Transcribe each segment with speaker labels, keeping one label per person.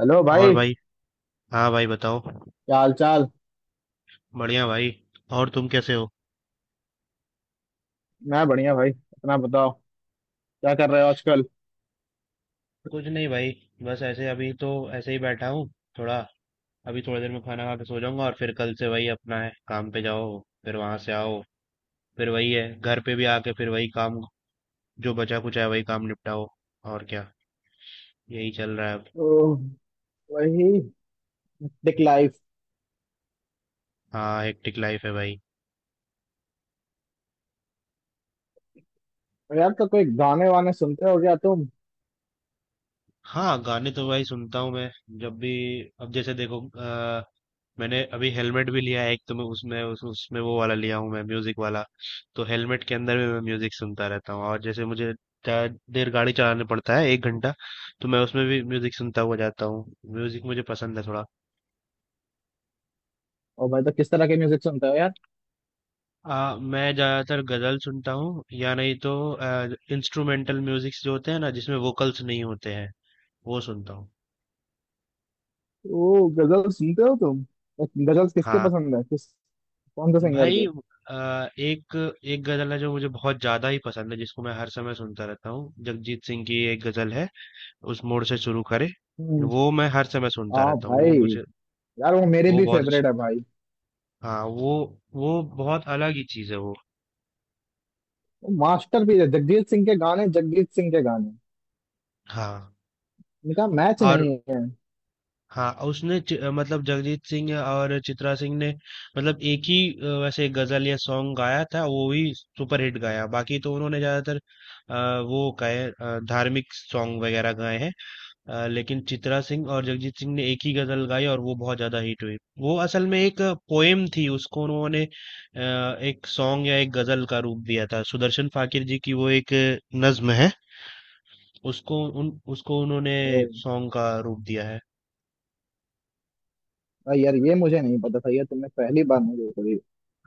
Speaker 1: Hello
Speaker 2: और
Speaker 1: भाई।
Speaker 2: भाई। हाँ भाई बताओ।
Speaker 1: क्या हाल चाल।
Speaker 2: बढ़िया भाई। और तुम कैसे हो?
Speaker 1: मैं बढ़िया भाई, अपना बताओ। क्या कर रहे हो आजकल।
Speaker 2: कुछ नहीं भाई। बस ऐसे अभी तो ऐसे ही बैठा हूँ थोड़ा। अभी थोड़ी देर में खाना खा के सो जाऊंगा और फिर कल से वही अपना है काम पे जाओ। फिर वहां से आओ। फिर वही है घर पे भी आके फिर वही काम। जो बचा कुछ है वही काम निपटाओ। और क्या। यही चल रहा है अब।
Speaker 1: ओ, वही दिख लाइफ।
Speaker 2: हाँ हेक्टिक लाइफ है भाई।
Speaker 1: यार तो कोई गाने वाने सुनते हो क्या तुम।
Speaker 2: हाँ गाने तो भाई सुनता हूँ मैं। जब भी अब जैसे देखो। मैंने अभी हेलमेट भी लिया है एक तो मैं उसमें उसमें वो वाला लिया हूँ मैं म्यूजिक वाला। तो हेलमेट के अंदर भी मैं म्यूजिक सुनता रहता हूँ, और जैसे मुझे ज्यादा देर गाड़ी चलाने पड़ता है 1 घंटा, तो मैं उसमें भी म्यूजिक सुनता हुआ जाता हूँ। म्यूजिक मुझे पसंद है थोड़ा।
Speaker 1: ओ भाई, तो किस तरह के म्यूजिक सुनते हो यार।
Speaker 2: मैं ज्यादातर गजल सुनता हूँ, या नहीं तो इंस्ट्रूमेंटल म्यूजिक जो होते हैं ना, जिसमें वोकल्स नहीं होते हैं, वो सुनता हूँ।
Speaker 1: ओ गजल सुनते हो तुम तो। गजल किसके
Speaker 2: हाँ
Speaker 1: पसंद है, किस कौन से सिंगर
Speaker 2: भाई।
Speaker 1: के।
Speaker 2: एक एक गजल है जो मुझे बहुत ज्यादा ही पसंद है, जिसको मैं हर समय सुनता रहता हूँ, जगजीत सिंह की एक गजल है। उस मोड़ से शुरू करे।
Speaker 1: हम्म।
Speaker 2: वो मैं हर समय सुनता
Speaker 1: हाँ
Speaker 2: रहता हूँ,
Speaker 1: भाई,
Speaker 2: वो मुझे।
Speaker 1: यार वो मेरे
Speaker 2: वो
Speaker 1: भी
Speaker 2: बहुत
Speaker 1: फेवरेट
Speaker 2: अच्छा।
Speaker 1: है भाई।
Speaker 2: हाँ वो बहुत अलग ही चीज है वो।
Speaker 1: वो मास्टर भी है, जगजीत सिंह के गाने, जगजीत सिंह के गाने
Speaker 2: हाँ।
Speaker 1: इनका मैच
Speaker 2: और।
Speaker 1: नहीं है।
Speaker 2: हाँ उसने मतलब जगजीत सिंह और चित्रा सिंह ने, मतलब एक ही वैसे गजल या सॉन्ग गाया था, वो भी सुपर हिट गाया। बाकी तो उन्होंने ज्यादातर वो गाए, धार्मिक सॉन्ग वगैरह गाए हैं। लेकिन चित्रा सिंह और जगजीत सिंह ने एक ही गजल गाई और वो बहुत ज्यादा हिट हुई। वो असल में एक पोएम थी, उसको उन्होंने एक सॉन्ग या एक गजल का रूप दिया था। सुदर्शन फाकिर जी की वो एक नज्म है। उसको उन्होंने
Speaker 1: ओ
Speaker 2: सॉन्ग का रूप दिया है।
Speaker 1: भाई, यार ये मुझे नहीं पता था, ये तुमने पहली बार मुझे पड़ी।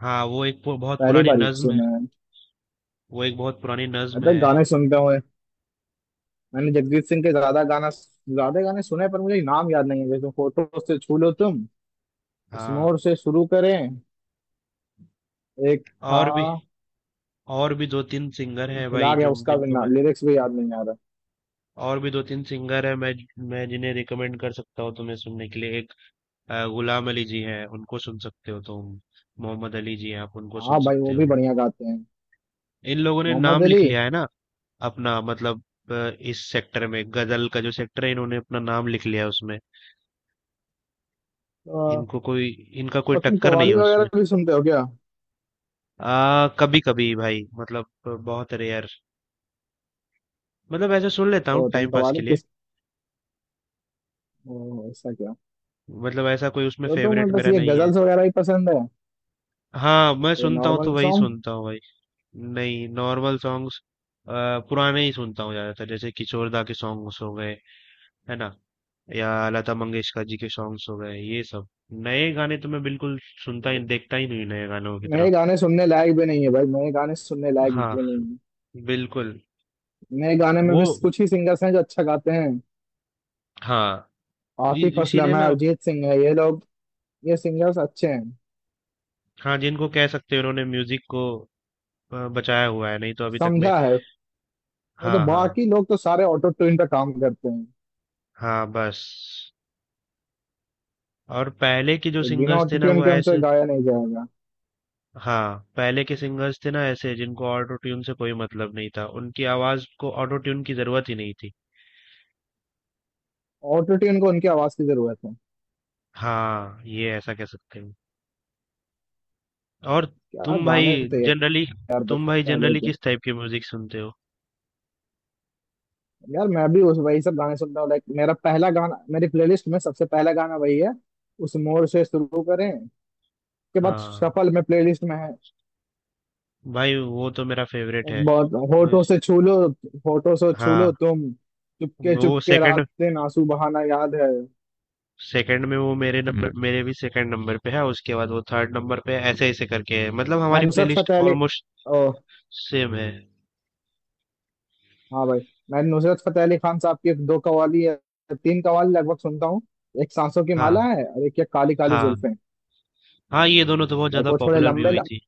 Speaker 2: हाँ, वो एक बहुत
Speaker 1: पहली
Speaker 2: पुरानी
Speaker 1: बार ही
Speaker 2: नज्म है।
Speaker 1: सुना।
Speaker 2: वो एक बहुत पुरानी
Speaker 1: मैं
Speaker 2: नज्म
Speaker 1: तो
Speaker 2: है।
Speaker 1: गाने सुनता हूँ। मैंने जगजीत सिंह के ज्यादा गाने सुने हैं, पर मुझे नाम याद नहीं है। जैसे फोटो से छू लो तुम, इस
Speaker 2: हाँ।
Speaker 1: मोड़ से शुरू करें, एक था।
Speaker 2: और भी और भी दो तीन सिंगर हैं
Speaker 1: भुला
Speaker 2: भाई,
Speaker 1: गया,
Speaker 2: जो
Speaker 1: उसका भी
Speaker 2: जिनको
Speaker 1: ना
Speaker 2: मैं
Speaker 1: लिरिक्स भी याद नहीं आ रहा।
Speaker 2: और भी दो तीन सिंगर हैं मैं जिन्हें रिकमेंड कर सकता हूँ तुम्हें सुनने के लिए। गुलाम अली जी हैं, उनको सुन सकते हो तुम। मोहम्मद अली जी हैं, आप उनको
Speaker 1: हाँ
Speaker 2: सुन
Speaker 1: भाई,
Speaker 2: सकते
Speaker 1: वो भी
Speaker 2: हो।
Speaker 1: बढ़िया गाते हैं।
Speaker 2: इन लोगों ने
Speaker 1: मोहम्मद
Speaker 2: नाम
Speaker 1: अली।
Speaker 2: लिख लिया है ना अपना, मतलब अ, इस सेक्टर में गजल का जो सेक्टर है, इन्होंने अपना नाम लिख लिया है उसमें।
Speaker 1: और
Speaker 2: इनको कोई इनका कोई
Speaker 1: तुम
Speaker 2: टक्कर नहीं है
Speaker 1: कवाली
Speaker 2: उसमें।
Speaker 1: वगैरह भी सुनते हो क्या।
Speaker 2: आ कभी कभी भाई, मतलब बहुत रेयर। मतलब ऐसा सुन लेता हूँ
Speaker 1: ओ तुम
Speaker 2: टाइम पास के
Speaker 1: कवाली
Speaker 2: लिए।
Speaker 1: किस। ओ, ऐसा क्या।
Speaker 2: मतलब ऐसा कोई उसमें
Speaker 1: तो
Speaker 2: फेवरेट
Speaker 1: तुम्हें बस
Speaker 2: मेरा
Speaker 1: ये
Speaker 2: नहीं है।
Speaker 1: गजल्स वगैरह ही पसंद है।
Speaker 2: हाँ, मैं
Speaker 1: तो
Speaker 2: सुनता हूँ तो
Speaker 1: नॉर्मल
Speaker 2: वही
Speaker 1: सॉन्ग।
Speaker 2: सुनता हूँ भाई। नहीं, नॉर्मल सॉन्ग्स पुराने ही सुनता हूँ ज्यादातर, जैसे किशोरदा के सॉन्ग्स हो गए, है ना, या लता मंगेशकर जी के सॉन्ग्स हो गए, ये सब। नए गाने तो मैं बिल्कुल सुनता ही देखता ही नहीं हूँ, नए गानों की
Speaker 1: नए
Speaker 2: तरफ।
Speaker 1: गाने सुनने लायक भी नहीं है भाई, नए गाने सुनने लायक
Speaker 2: हाँ,
Speaker 1: भी नहीं है।
Speaker 2: बिल्कुल।
Speaker 1: नए गाने में
Speaker 2: वो
Speaker 1: भी कुछ ही सिंगर्स हैं जो अच्छा गाते हैं।
Speaker 2: हाँ,
Speaker 1: आतिफ
Speaker 2: इसीलिए
Speaker 1: असलम है,
Speaker 2: ना।
Speaker 1: अरिजीत सिंह है, ये लोग, ये सिंगर्स अच्छे हैं।
Speaker 2: हाँ जिनको कह सकते हैं उन्होंने म्यूजिक को बचाया हुआ है, नहीं तो अभी तक में।
Speaker 1: समझा है। नहीं तो
Speaker 2: हाँ हाँ।
Speaker 1: बाकी लोग तो सारे ऑटो ट्यून पे काम करते हैं।
Speaker 2: हाँ बस। और पहले के जो
Speaker 1: तो बिना
Speaker 2: सिंगर्स
Speaker 1: ऑटो
Speaker 2: थे ना,
Speaker 1: ट्यून
Speaker 2: वो
Speaker 1: के उनसे
Speaker 2: ऐसे।
Speaker 1: गाया नहीं जाएगा।
Speaker 2: हाँ, पहले के सिंगर्स थे ना ऐसे, जिनको ऑटो ट्यून से कोई मतलब नहीं था, उनकी आवाज को ऑटो ट्यून की जरूरत ही नहीं थी।
Speaker 1: ऑटो ट्यून को उनकी आवाज की जरूरत है।
Speaker 2: हाँ, ये ऐसा कह सकते हैं। और।
Speaker 1: क्या
Speaker 2: तुम भाई
Speaker 1: गाने थे।
Speaker 2: जनरली
Speaker 1: यार बच,
Speaker 2: तुम भाई
Speaker 1: पहले
Speaker 2: जनरली
Speaker 1: के,
Speaker 2: किस टाइप की म्यूजिक सुनते हो?
Speaker 1: यार मैं भी उस वही सब गाने सुनता हूँ। लाइक मेरा पहला गाना, मेरी प्लेलिस्ट में सबसे पहला गाना वही है, उस मोर से शुरू करें, के बाद
Speaker 2: हाँ
Speaker 1: सफल में प्लेलिस्ट में है।
Speaker 2: भाई, वो तो मेरा फेवरेट है।
Speaker 1: एक बहुत,
Speaker 2: मुझ-
Speaker 1: होठों से छू लो, होठों से छू लो
Speaker 2: हाँ
Speaker 1: तुम, चुपके
Speaker 2: वो
Speaker 1: चुपके रात
Speaker 2: सेकंड
Speaker 1: दिन आंसू बहाना याद है।
Speaker 2: सेकंड में वो मेरे भी सेकंड नंबर पे है, उसके बाद वो थर्ड नंबर पे है, ऐसे ऐसे करके है, मतलब
Speaker 1: मैं
Speaker 2: हमारी
Speaker 1: नुसरत
Speaker 2: प्लेलिस्ट
Speaker 1: फतेह अली।
Speaker 2: ऑलमोस्ट
Speaker 1: ओ।
Speaker 2: सेम है।
Speaker 1: हाँ भाई, मैं नुसरत फतेह अली खान साहब की दो कवाली या तीन कवाली लगभग सुनता हूँ। एक सांसों की
Speaker 2: हाँ
Speaker 1: माला है और एक ये काली काली
Speaker 2: हाँ।
Speaker 1: जुल्फें।
Speaker 2: हाँ, ये दोनों तो बहुत
Speaker 1: लाइक
Speaker 2: ज्यादा
Speaker 1: वो थोड़े
Speaker 2: पॉपुलर भी
Speaker 1: लंबे,
Speaker 2: हुई थी।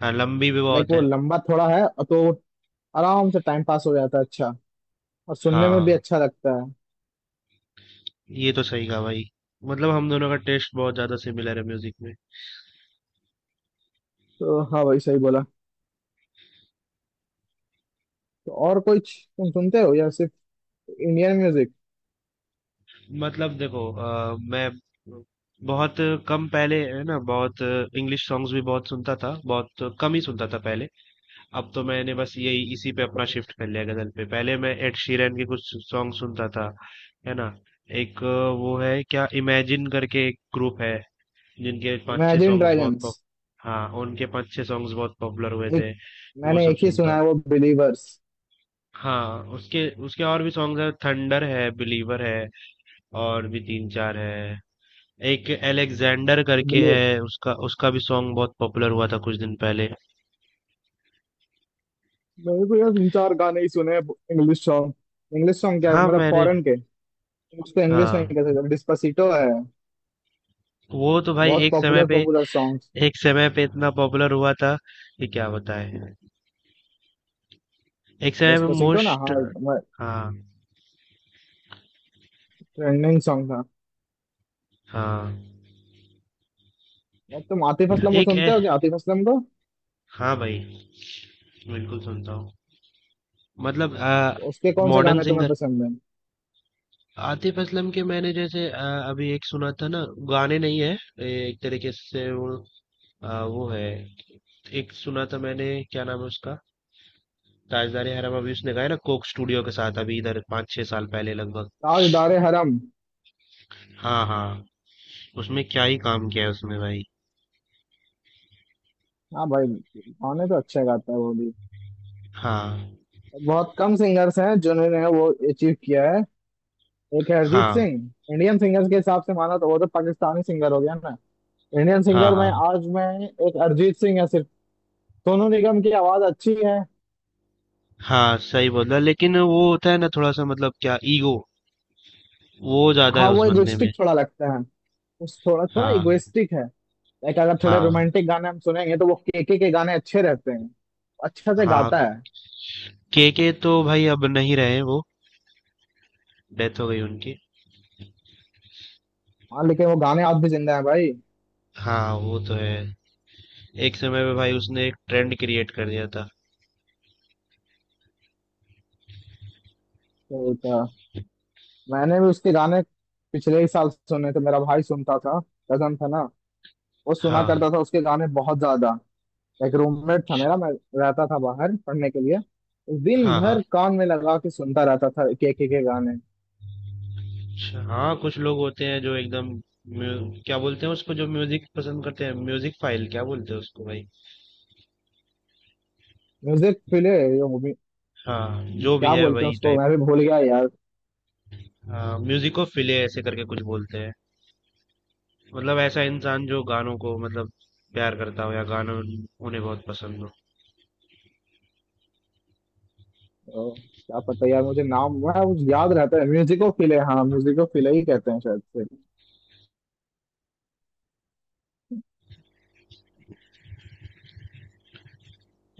Speaker 2: हाँ, लंबी भी
Speaker 1: लाइक
Speaker 2: बहुत
Speaker 1: वो
Speaker 2: है।
Speaker 1: लंबा थोड़ा है और तो आराम से टाइम पास हो जाता है अच्छा, और सुनने में भी
Speaker 2: हाँ,
Speaker 1: अच्छा लगता है।
Speaker 2: ये तो सही कहा भाई। मतलब हम दोनों का टेस्ट बहुत ज्यादा सिमिलर है म्यूजिक में।
Speaker 1: तो हाँ भाई सही बोला। तो और कोई तुम सुनते हो या सिर्फ इंडियन म्यूजिक।
Speaker 2: मतलब देखो, मैं बहुत कम पहले, है ना, बहुत इंग्लिश सॉन्ग्स भी बहुत सुनता था, बहुत कम ही सुनता था पहले। अब तो मैंने बस यही इसी पे अपना शिफ्ट कर लिया, गजल पे। पहले मैं एड शीरन के कुछ सॉन्ग सुनता था, है ना। एक वो है क्या, इमेजिन करके एक ग्रुप है, जिनके पांच छह
Speaker 1: इमेजिन
Speaker 2: सॉन्ग्स बहुत
Speaker 1: ड्रैगन्स।
Speaker 2: पॉप। हाँ, उनके पांच छह सॉन्ग्स बहुत पॉपुलर हुए
Speaker 1: एक,
Speaker 2: थे। वो
Speaker 1: मैंने
Speaker 2: सब
Speaker 1: एक ही सुना
Speaker 2: सुनता।
Speaker 1: है वो बिलीवर्स।
Speaker 2: हाँ, उसके उसके और भी सॉन्ग्स है, थंडर है, बिलीवर है, और भी तीन चार है। एक एलेक्जेंडर करके है, उसका उसका भी सॉन्ग बहुत पॉपुलर हुआ था कुछ दिन पहले।
Speaker 1: मेरे को यार तीन चार गाने ही सुने इंग्लिश सॉन्ग। इंग्लिश सॉन्ग क्या है,
Speaker 2: हाँ
Speaker 1: मतलब
Speaker 2: मैंने।
Speaker 1: फॉरेन के, उसको इंग्लिश नहीं
Speaker 2: हाँ
Speaker 1: कह सकते। डिस्पासिटो है,
Speaker 2: वो तो भाई,
Speaker 1: बहुत पॉपुलर पॉपुलर सॉन्ग्स।
Speaker 2: एक समय पे इतना पॉपुलर हुआ था कि क्या बताएं। एक समय पे
Speaker 1: डिस्पासिटो ना,
Speaker 2: मोस्ट।
Speaker 1: हाँ,
Speaker 2: हाँ
Speaker 1: ट्रेंडिंग सॉन्ग था।
Speaker 2: हाँ।
Speaker 1: एक तुम आतिफ असलम को
Speaker 2: एक
Speaker 1: सुनते
Speaker 2: ए,
Speaker 1: हो क्या, आतिफ असलम को।
Speaker 2: हाँ भाई, बिल्कुल सुनता हूँ। मतलब
Speaker 1: तो उसके कौन से
Speaker 2: मॉडर्न
Speaker 1: गाने तुम्हें
Speaker 2: सिंगर।
Speaker 1: पसंद है।
Speaker 2: आतिफ असलम के मैंने जैसे अभी एक सुना था ना, गाने नहीं है, एक तरीके से वो वो है, एक सुना था मैंने, क्या नाम है उसका, ताजदारी हरम, अभी उसने गाया ना कोक स्टूडियो के साथ, अभी इधर 5 6 साल पहले लगभग।
Speaker 1: ताजदार हरम।
Speaker 2: हाँ हाँ। उसमें क्या ही काम किया है उसमें भाई।
Speaker 1: हाँ भाई, गाने तो अच्छे गाता है वो भी।
Speaker 2: हाँ
Speaker 1: बहुत कम सिंगर्स हैं जिन्होंने वो अचीव किया है। एक है अरिजीत
Speaker 2: हाँ।
Speaker 1: सिंह। इंडियन सिंगर्स के हिसाब से माना, तो वो तो पाकिस्तानी सिंगर हो गया ना। इंडियन
Speaker 2: हाँ
Speaker 1: सिंगर में
Speaker 2: हाँ।
Speaker 1: आज मैं, एक अरिजीत सिंह है सिर्फ। सोनू निगम की आवाज अच्छी है।
Speaker 2: हाँ, सही बोल रहा, लेकिन वो होता है ना थोड़ा सा, मतलब क्या, ईगो वो ज्यादा
Speaker 1: हाँ
Speaker 2: है उस
Speaker 1: वो
Speaker 2: बंदे में।
Speaker 1: इगोइस्टिक थोड़ा लगता है। उस थोड़ा थोड़ा
Speaker 2: हाँ
Speaker 1: इगोइस्टिक है। लाइक अगर थोड़े
Speaker 2: हाँ।
Speaker 1: रोमांटिक गाने हम सुनेंगे तो वो केके के गाने अच्छे रहते हैं। अच्छा से गाता
Speaker 2: हाँ।
Speaker 1: है।
Speaker 2: के तो भाई अब नहीं रहे वो, डेथ हो गई उनकी।
Speaker 1: हाँ लेकिन वो गाने आज भी जिंदा है भाई।
Speaker 2: हाँ, वो तो है। एक समय पे भाई उसने एक ट्रेंड क्रिएट कर दिया था।
Speaker 1: तो मैंने भी उसके गाने पिछले ही साल सुने थे। मेरा भाई सुनता था, कजन था ना, वो सुना
Speaker 2: हाँ
Speaker 1: करता था उसके गाने बहुत ज्यादा। एक रूममेट था मेरा, मैं रहता था बाहर पढ़ने के लिए, दिन
Speaker 2: हाँ। हाँ,
Speaker 1: भर कान में लगा के सुनता रहता था के गाने।
Speaker 2: अच्छा। हाँ, कुछ लोग होते हैं जो एकदम, क्या बोलते हैं उसको, जो म्यूजिक पसंद करते हैं, म्यूजिक फाइल क्या बोलते हैं उसको भाई?
Speaker 1: म्यूजिक,
Speaker 2: हाँ, जो भी
Speaker 1: क्या
Speaker 2: है
Speaker 1: बोलते हैं
Speaker 2: वही
Speaker 1: उसको,
Speaker 2: टाइप।
Speaker 1: मैं भी भूल गया यार।
Speaker 2: हाँ, म्यूजिको फिले ऐसे करके कुछ बोलते हैं। मतलब ऐसा इंसान जो गानों को, मतलब, प्यार करता हो, या गानों उन्हें बहुत पसंद हो।
Speaker 1: क्या पता यार, मुझे नाम, मैं वो याद रहता है, म्यूजिको फिले, हाँ म्यूजिको फिले ही कहते हैं शायद से।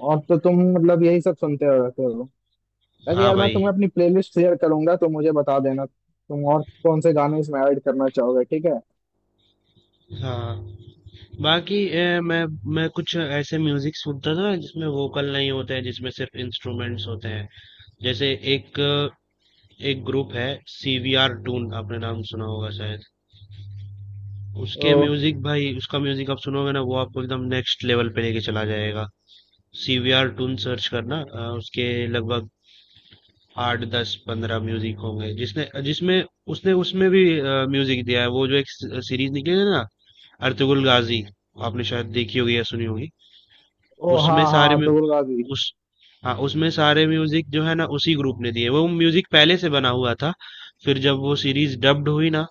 Speaker 1: और तो तुम मतलब यही सब सुनते हो रहते हो। ताकि
Speaker 2: हाँ
Speaker 1: यार मैं तुम्हें
Speaker 2: भाई।
Speaker 1: अपनी प्लेलिस्ट शेयर करूंगा तो मुझे बता देना तुम और कौन से गाने इसमें ऐड करना चाहोगे, ठीक है।
Speaker 2: हाँ। बाकी मैं कुछ ऐसे म्यूजिक सुनता था जिसमें वोकल नहीं होते हैं, जिसमें सिर्फ इंस्ट्रूमेंट्स होते हैं। जैसे एक एक ग्रुप है, सीवीआर टून, आपने नाम सुना होगा शायद।
Speaker 1: ओ।
Speaker 2: उसके म्यूजिक भाई, उसका म्यूजिक आप सुनोगे ना, वो आपको एकदम नेक्स्ट लेवल पे लेके चला जाएगा। सीवीआर टून सर्च करना, उसके लगभग 8 10 15 म्यूजिक होंगे, जिसने जिसमें उसने उसमें भी म्यूजिक दिया है। वो जो एक सीरीज निकली है ना, अर्तुगरुल गाजी, आपने शायद देखी होगी या सुनी होगी।
Speaker 1: ओ हाँ
Speaker 2: उसमें सारे
Speaker 1: हाँ,
Speaker 2: में
Speaker 1: तुगुल गाजी।
Speaker 2: उस हाँ उसमें सारे म्यूजिक जो है ना, उसी ग्रुप ने दिए, वो म्यूजिक पहले से बना हुआ था। फिर जब वो सीरीज डब्ड हुई ना,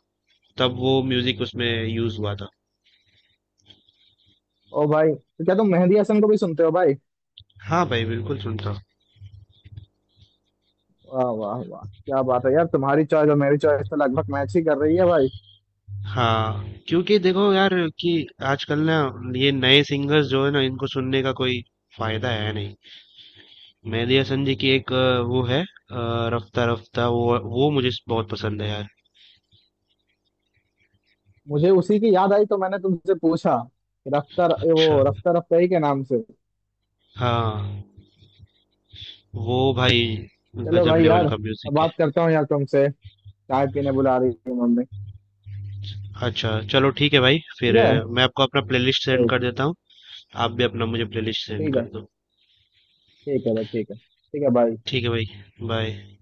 Speaker 2: तब वो म्यूजिक उसमें यूज हुआ था।
Speaker 1: ओ भाई, तो क्या तुम मेहंदी हसन को भी सुनते हो भाई।
Speaker 2: हाँ भाई बिल्कुल सुनता हूँ।
Speaker 1: वाह वाह वाह, क्या बात है यार, तुम्हारी चॉइस और मेरी चॉइस तो लगभग मैच ही कर रही है भाई।
Speaker 2: हाँ, क्योंकि देखो यार, कि आजकल ना, ये नए सिंगर्स जो है ना, इनको सुनने का कोई फायदा है नहीं। मेहदी हसन जी की एक वो है रफ्ता रफ्ता, वो मुझे बहुत पसंद है यार।
Speaker 1: मुझे उसी की याद आई तो मैंने तुमसे पूछा कि रफ्तार,
Speaker 2: अच्छा।
Speaker 1: वो रफ्तार अफजाई के नाम से।
Speaker 2: हाँ वो भाई,
Speaker 1: चलो
Speaker 2: गजब
Speaker 1: भाई,
Speaker 2: लेवल
Speaker 1: यार
Speaker 2: का
Speaker 1: अब
Speaker 2: म्यूजिक है।
Speaker 1: बात करता हूँ यार तुमसे, चाय पीने बुला रही है मम्मी।
Speaker 2: अच्छा, चलो ठीक है भाई, फिर
Speaker 1: ठीक है।
Speaker 2: मैं आपको अपना प्लेलिस्ट सेंड
Speaker 1: ठीक।
Speaker 2: कर देता हूँ। आप भी अपना मुझे प्लेलिस्ट सेंड
Speaker 1: ठीक
Speaker 2: कर
Speaker 1: है।
Speaker 2: दो।
Speaker 1: ठीक है भाई, ठीक है, ठीक है भाई।
Speaker 2: ठीक है भाई। बाय।